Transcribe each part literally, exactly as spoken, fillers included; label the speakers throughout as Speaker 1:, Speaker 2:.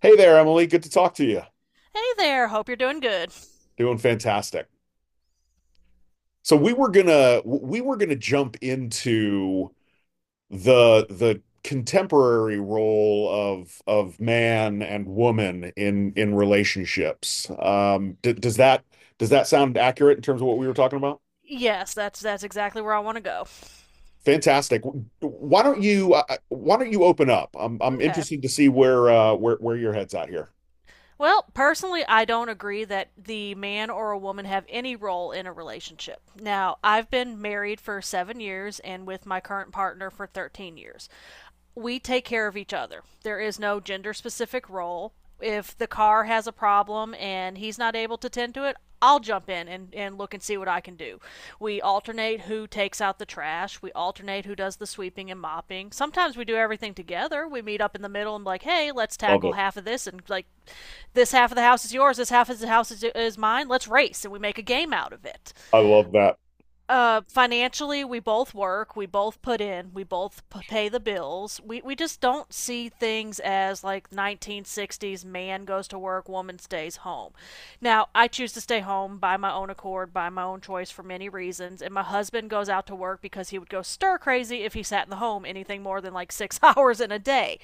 Speaker 1: Hey there, Emily. Good to talk to you.
Speaker 2: Hey there, hope you're doing good.
Speaker 1: Doing fantastic. So we were gonna we were gonna jump into the the contemporary role of of man and woman in in relationships. Um, d does that does that sound accurate in terms of what we were talking about?
Speaker 2: Yes, that's that's exactly where I want to go.
Speaker 1: Fantastic. Why don't you uh, uh, why don't you open up? I'm I'm
Speaker 2: Okay.
Speaker 1: interested to see where uh where where your head's at here.
Speaker 2: Well, personally, I don't agree that the man or a woman have any role in a relationship. Now, I've been married for seven years and with my current partner for thirteen years. We take care of each other. There is no gender specific role. If the car has a problem and he's not able to attend to it, I'll jump in and, and look and see what I can do. We alternate who takes out the trash. We alternate who does the sweeping and mopping. Sometimes we do everything together. We meet up in the middle and be like, hey, let's
Speaker 1: Love
Speaker 2: tackle
Speaker 1: it.
Speaker 2: half of this, and like this half of the house is yours, this half of the house is, is mine. Let's race and we make a game out of it.
Speaker 1: I love that.
Speaker 2: Uh, financially, we both work, we both put in, we both p- pay the bills. We we just don't see things as like nineteen sixties man goes to work, woman stays home. Now, I choose to stay home by my own accord, by my own choice for many reasons, and my husband goes out to work because he would go stir crazy if he sat in the home anything more than like six hours in a day.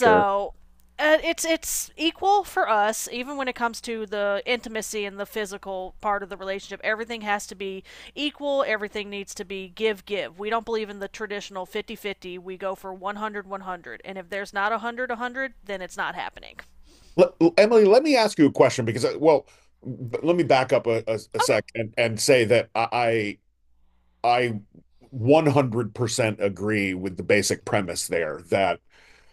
Speaker 1: Sure.
Speaker 2: uh, it's it's equal for us. Even when it comes to the intimacy and the physical part of the relationship, everything has to be equal, everything needs to be give give we don't believe in the traditional fifty fifty. We go for one hundred one hundred. And if there's not 100-100, then it's not happening.
Speaker 1: Let- Emily, let me ask you a question because, uh, well, b- let me back up a, a, a sec and, and say that I I one hundred percent agree with the basic premise there that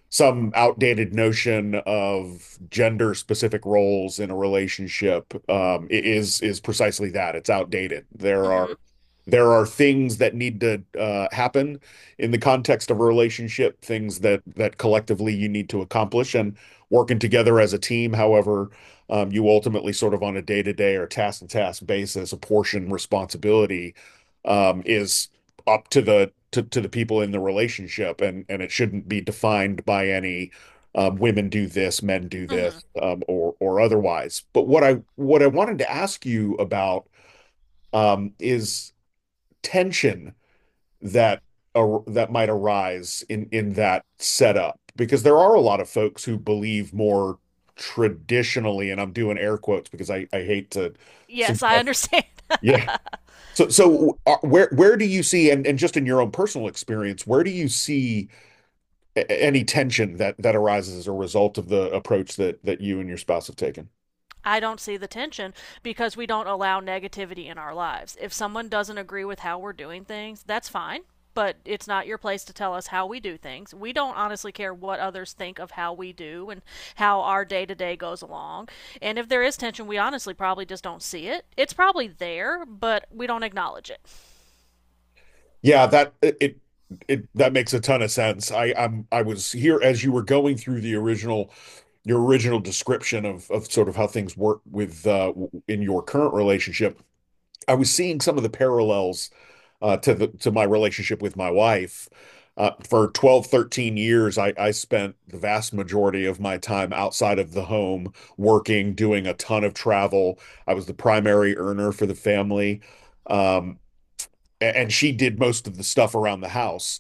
Speaker 1: some outdated notion of gender specific roles in a relationship, um, i- is is precisely that. It's outdated. There
Speaker 2: Okay.
Speaker 1: are
Speaker 2: Mhm.
Speaker 1: there are things that need to uh, happen in the context of a relationship, things that that collectively you need to accomplish, and working together as a team. However, um, you ultimately sort of on a day-to-day or task-to-task basis, apportion responsibility um, is up to the to to the people in the relationship, and and it shouldn't be defined by any, um, women do this, men do
Speaker 2: Mhm.
Speaker 1: this, um, or or otherwise. But What I what I wanted to ask you about, um, is tension that ar that might arise in in that setup, because there are a lot of folks who believe more traditionally, and I'm doing air quotes because I I hate to
Speaker 2: Yes, I
Speaker 1: suggest. it.
Speaker 2: understand.
Speaker 1: Yeah. So so uh, where where do you see, and and just in your own personal experience, where do you see a- any tension that that arises as a result of the approach that that you and your spouse have taken?
Speaker 2: I don't see the tension because we don't allow negativity in our lives. If someone doesn't agree with how we're doing things, that's fine, but it's not your place to tell us how we do things. We don't honestly care what others think of how we do and how our day to day goes along. And if there is tension, we honestly probably just don't see it. It's probably there, but we don't acknowledge it.
Speaker 1: Yeah, that it it that makes a ton of sense. I I'm I was here as you were going through the original your original description of of sort of how things work with uh w- in your current relationship. I was seeing some of the parallels uh to the to my relationship with my wife. Uh, for twelve thirteen years, I, I spent the vast majority of my time outside of the home, working, doing a ton of travel. I was the primary earner for the family. Um, and she did most of the stuff around the house.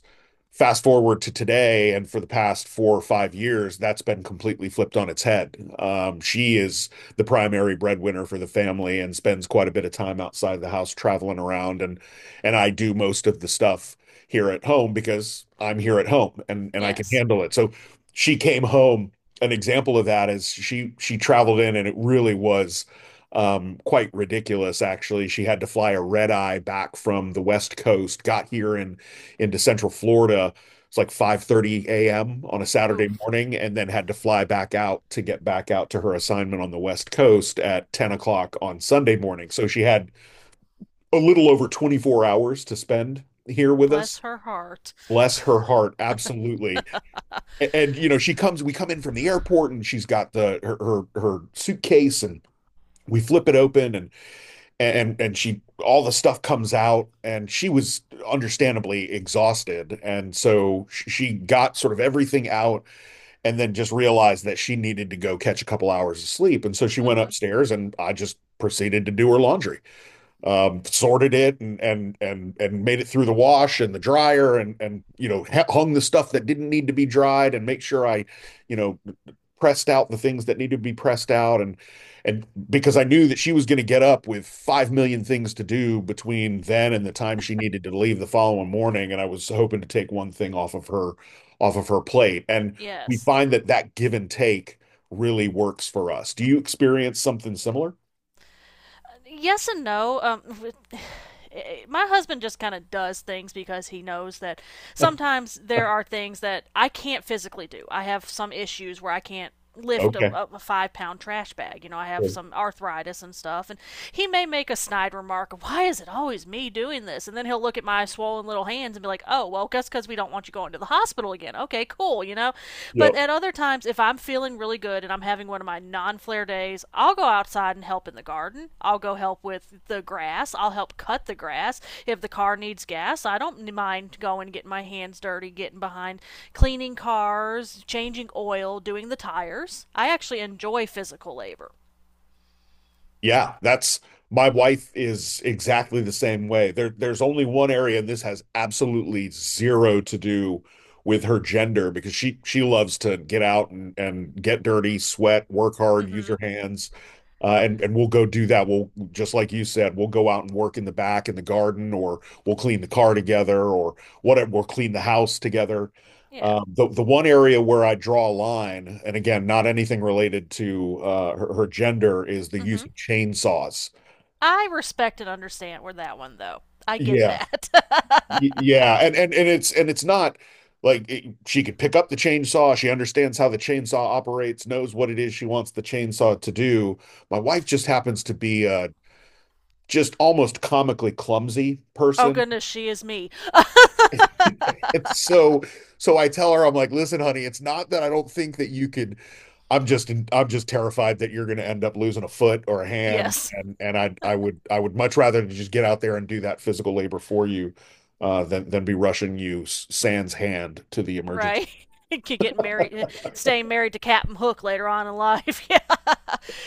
Speaker 1: Fast forward to today, and for the past four or five years, that's been completely flipped on its head. Um, she is the primary breadwinner for the family and spends quite a bit of time outside of the house traveling around, and and I do most of the stuff here at home because I'm here at home and and I can
Speaker 2: Yes.
Speaker 1: handle it. So she came home. An example of that is she she traveled in, and it really was, um, quite ridiculous, actually. She had to fly a red eye back from the West Coast, got here in into Central Florida. It's like five thirty a m on a Saturday
Speaker 2: Oof.
Speaker 1: morning, and then had to fly back out to get back out to her assignment on the West Coast at ten o'clock on Sunday morning. So she had a little over twenty-four hours to spend here with
Speaker 2: Bless
Speaker 1: us.
Speaker 2: her heart.
Speaker 1: Bless her heart, absolutely. A- And, you know, she comes, we come in from the airport, and she's got the her her, her suitcase, and we flip it open, and and and she, all the stuff comes out, and she was understandably exhausted, and so sh- she got sort of everything out, and then just realized that she needed to go catch a couple hours of sleep, and so she went
Speaker 2: Hmm.
Speaker 1: upstairs, and I just proceeded to do her laundry, um, sorted it, and and and and made it through the wash and the dryer, and and you know hung the stuff that didn't need to be dried, and make sure I, you know, pressed out the things that needed to be pressed out, and and because I knew that she was going to get up with five million things to do between then and the time she needed to leave the following morning, and I was hoping to take one thing off of her off of her plate. And we
Speaker 2: Yes.
Speaker 1: find that that give and take really works for us. Do you experience something similar?
Speaker 2: Yes and no. Um, my husband just kind of does things because he knows that sometimes there are things that I can't physically do. I have some issues where I can't lift a,
Speaker 1: Okay.
Speaker 2: a five pound trash bag. You know, I have
Speaker 1: Sure.
Speaker 2: some arthritis and stuff, and he may make a snide remark, of, "Why is it always me doing this?" And then he'll look at my swollen little hands and be like, "Oh, well, guess because we don't want you" going to the hospital again. Okay, cool, you know? But
Speaker 1: Yep.
Speaker 2: at other times, if I'm feeling really good and I'm having one of my non flare days, I'll go outside and help in the garden. I'll go help with the grass. I'll help cut the grass. If the car needs gas, I don't mind going, getting my hands dirty, getting behind cleaning cars, changing oil, doing the tires. I actually enjoy physical labor.
Speaker 1: Yeah, that's My wife is exactly the same way. There, there's only one area, and this has absolutely zero to do with her gender, because she she loves to get out and and get dirty, sweat, work hard,
Speaker 2: Mm
Speaker 1: use
Speaker 2: hmm.
Speaker 1: her hands, uh, and and we'll go do that. We'll just like you said, we'll go out and work in the back in the garden, or we'll clean the car together, or whatever. We'll clean the house together.
Speaker 2: Yeah.
Speaker 1: Um, the the one area where I draw a line, and again, not anything related to, uh, her, her gender, is the
Speaker 2: Mm
Speaker 1: use
Speaker 2: hmm.
Speaker 1: of chainsaws.
Speaker 2: I respect and understand where that one, though. I get
Speaker 1: Yeah,
Speaker 2: that.
Speaker 1: Y- yeah, and and and it's, and it's not like it- she could pick up the chainsaw. She understands how the chainsaw operates, knows what it is she wants the chainsaw to do. My wife just happens to be a just almost comically clumsy
Speaker 2: Oh,
Speaker 1: person.
Speaker 2: goodness, she is me.
Speaker 1: And so so I tell her, I'm like, listen, honey, it's not that I don't think that you could. I'm just I'm just terrified that you're going to end up losing a foot or a hand,
Speaker 2: Yes,
Speaker 1: and and I I would I would much rather just get out there and do that physical labor for you, uh, than than be rushing you s- sans hand to the emergency
Speaker 2: right. Could get married, staying married to Captain Hook later on in life. Yeah.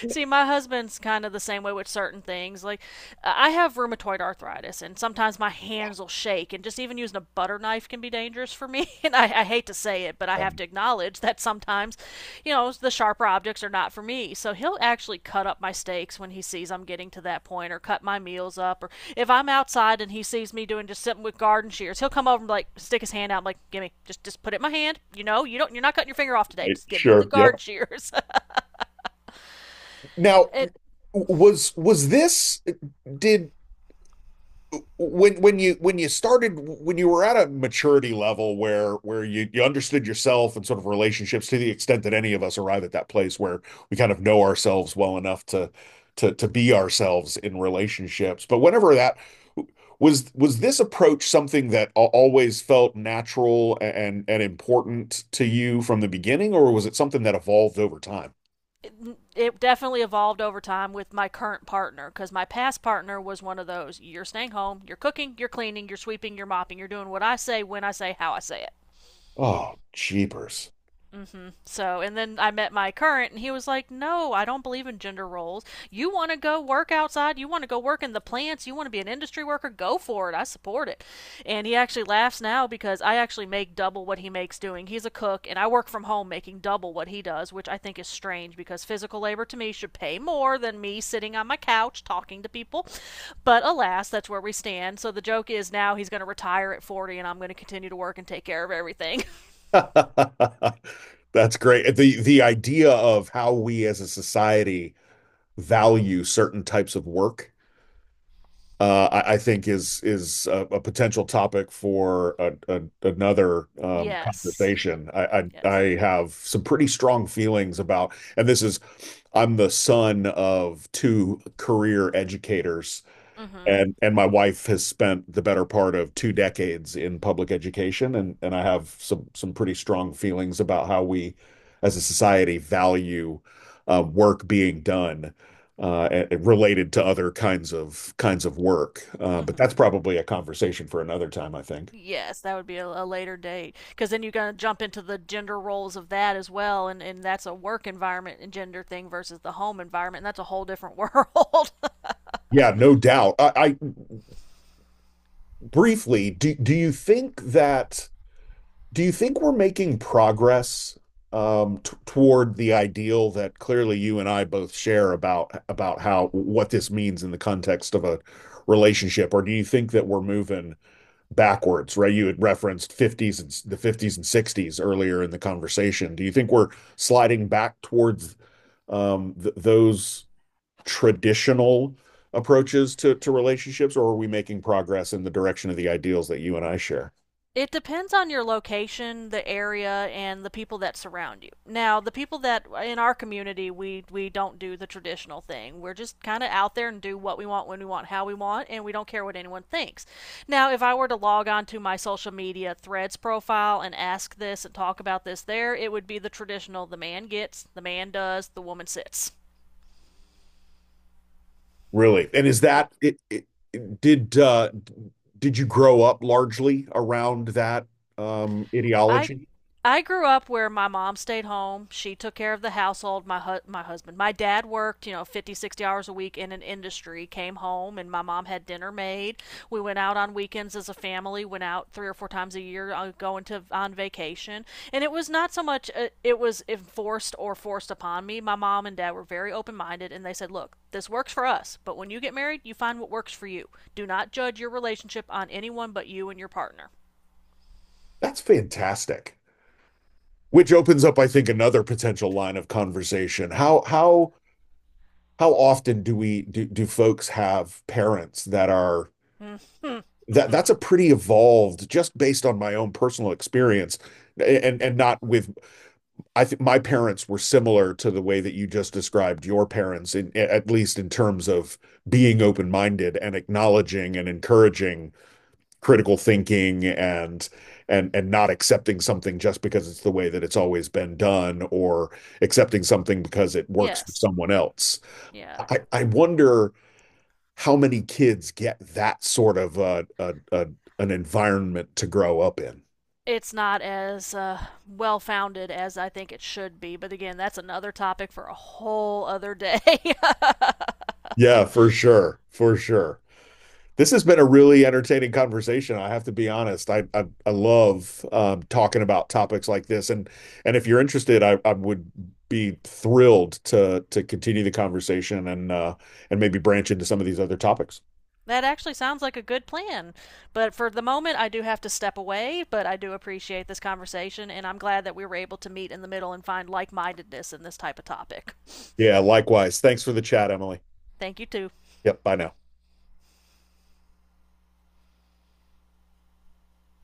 Speaker 2: See, my husband's kind of the same way with certain things. Like, I have rheumatoid arthritis, and sometimes my hands will shake, and just even using a butter knife can be dangerous for me. And I, I hate to say it, but I have
Speaker 1: room."
Speaker 2: to acknowledge that sometimes, you know, the sharper objects are not for me. So he'll actually cut up my steaks when he sees I'm getting to that point, or cut my meals up, or if I'm outside and he sees me doing just something with garden shears, he'll come over and like stick his hand out, and like, give me, just just put it in my hand. You know, you don't, you're not cutting your finger off today.
Speaker 1: Right?
Speaker 2: Just give me the
Speaker 1: Sure. Yep.
Speaker 2: garden shears.
Speaker 1: Now,
Speaker 2: it
Speaker 1: was was this did when when you when you started, when you were at a maturity level where where you you understood yourself and sort of relationships, to the extent that any of us arrive at that place where we kind of know ourselves well enough to to to be ourselves in relationships, but whenever that was was this approach something that always felt natural and and important to you from the beginning, or was it something that evolved over time?
Speaker 2: it, it definitely evolved over time with my current partner, because my past partner was one of those, you're staying home, you're cooking, you're cleaning, you're sweeping, you're mopping, you're doing what I say, when I say, how I say it.
Speaker 1: Oh, jeepers.
Speaker 2: So, and then I met my current, and he was like, no, I don't believe in gender roles. You want to go work outside? You want to go work in the plants? You want to be an industry worker? Go for it. I support it. And he actually laughs now because I actually make double what he makes doing. He's a cook, and I work from home making double what he does, which I think is strange because physical labor to me should pay more than me sitting on my couch talking to people. But alas, that's where we stand. So the joke is now he's going to retire at forty, and I'm going to continue to work and take care of everything.
Speaker 1: That's great. The the idea of how we as a society value certain types of work, uh, I, I think is is a, a potential topic for a, a, another, um,
Speaker 2: Yes.
Speaker 1: conversation. I, I I
Speaker 2: Yes.
Speaker 1: have some pretty strong feelings about, and this is, I'm the son of two career educators,
Speaker 2: Mm-hmm.
Speaker 1: and and my wife has spent the better part of two decades in public education, and and I have some some pretty strong feelings about how we, as a society, value uh, work being done, uh, a- related to other kinds of kinds of work. Uh, but
Speaker 2: Mm-hmm.
Speaker 1: that's probably a conversation for another time, I think.
Speaker 2: Yes, that would be a, a later date, because then you're going to jump into the gender roles of that as well, and, and that's a work environment and gender thing versus the home environment, and that's a whole different world.
Speaker 1: Yeah, no doubt. I, I Briefly, do do you think that Do you think we're making progress, um, t toward the ideal that clearly you and I both share about about how what this means in the context of a relationship? Or do you think that we're moving backwards, right? You had referenced fifties, and the fifties and sixties earlier in the conversation. Do you think we're sliding back towards, um, th those traditional approaches to to relationships, or are we making progress in the direction of the ideals that you and I share?
Speaker 2: It depends on your location, the area, and the people that surround you. Now, the people that in our community, we we don't do the traditional thing. We're just kind of out there and do what we want, when we want, how we want, and we don't care what anyone thinks. Now, if I were to log on to my social media threads profile and ask this and talk about this there, it would be the traditional, the man gets, the man does, the woman sits.
Speaker 1: Really? And is that it, it it- did uh did you grow up largely around that, um
Speaker 2: I
Speaker 1: ideology?
Speaker 2: I grew up where my mom stayed home. She took care of the household, my hu- my husband. My dad worked, you know, fifty sixty hours a week in an industry, came home and my mom had dinner made. We went out on weekends as a family, went out three or four times a year, uh, going to on vacation. And it was not so much uh, it was enforced or forced upon me. My mom and dad were very open-minded and they said, "Look, this works for us, but when you get married, you find what works for you. Do not judge your relationship on anyone but you and your partner."
Speaker 1: That's fantastic. Which opens up, I think, another potential line of conversation. How how how often do we do, do folks have parents that are that that's
Speaker 2: Mm-hmm.
Speaker 1: a pretty evolved, just based on my own personal experience, and and not with I think my parents were similar to the way that you just described your parents, in, at least in terms of being open-minded and acknowledging and encouraging critical thinking and and and not accepting something just because it's the way that it's always been done, or accepting something because it works for
Speaker 2: Yes.
Speaker 1: someone else.
Speaker 2: Yeah.
Speaker 1: I, I wonder how many kids get that sort of a, a, a an environment to grow up in.
Speaker 2: It's not as uh, well founded as I think it should be, but again, that's another topic for a whole other day.
Speaker 1: Yeah, for sure, for sure. This has been a really entertaining conversation. I have to be honest. I I, I love, um, talking about topics like this, and and if you're interested, I, I would be thrilled to to continue the conversation and, uh, and maybe branch into some of these other topics.
Speaker 2: That actually sounds like a good plan. But for the moment, I do have to step away, but I do appreciate this conversation, and I'm glad that we were able to meet in the middle and find like mindedness in this type of topic.
Speaker 1: Yeah, likewise. Thanks for the chat, Emily.
Speaker 2: Thank you, too.
Speaker 1: Yep. Bye now.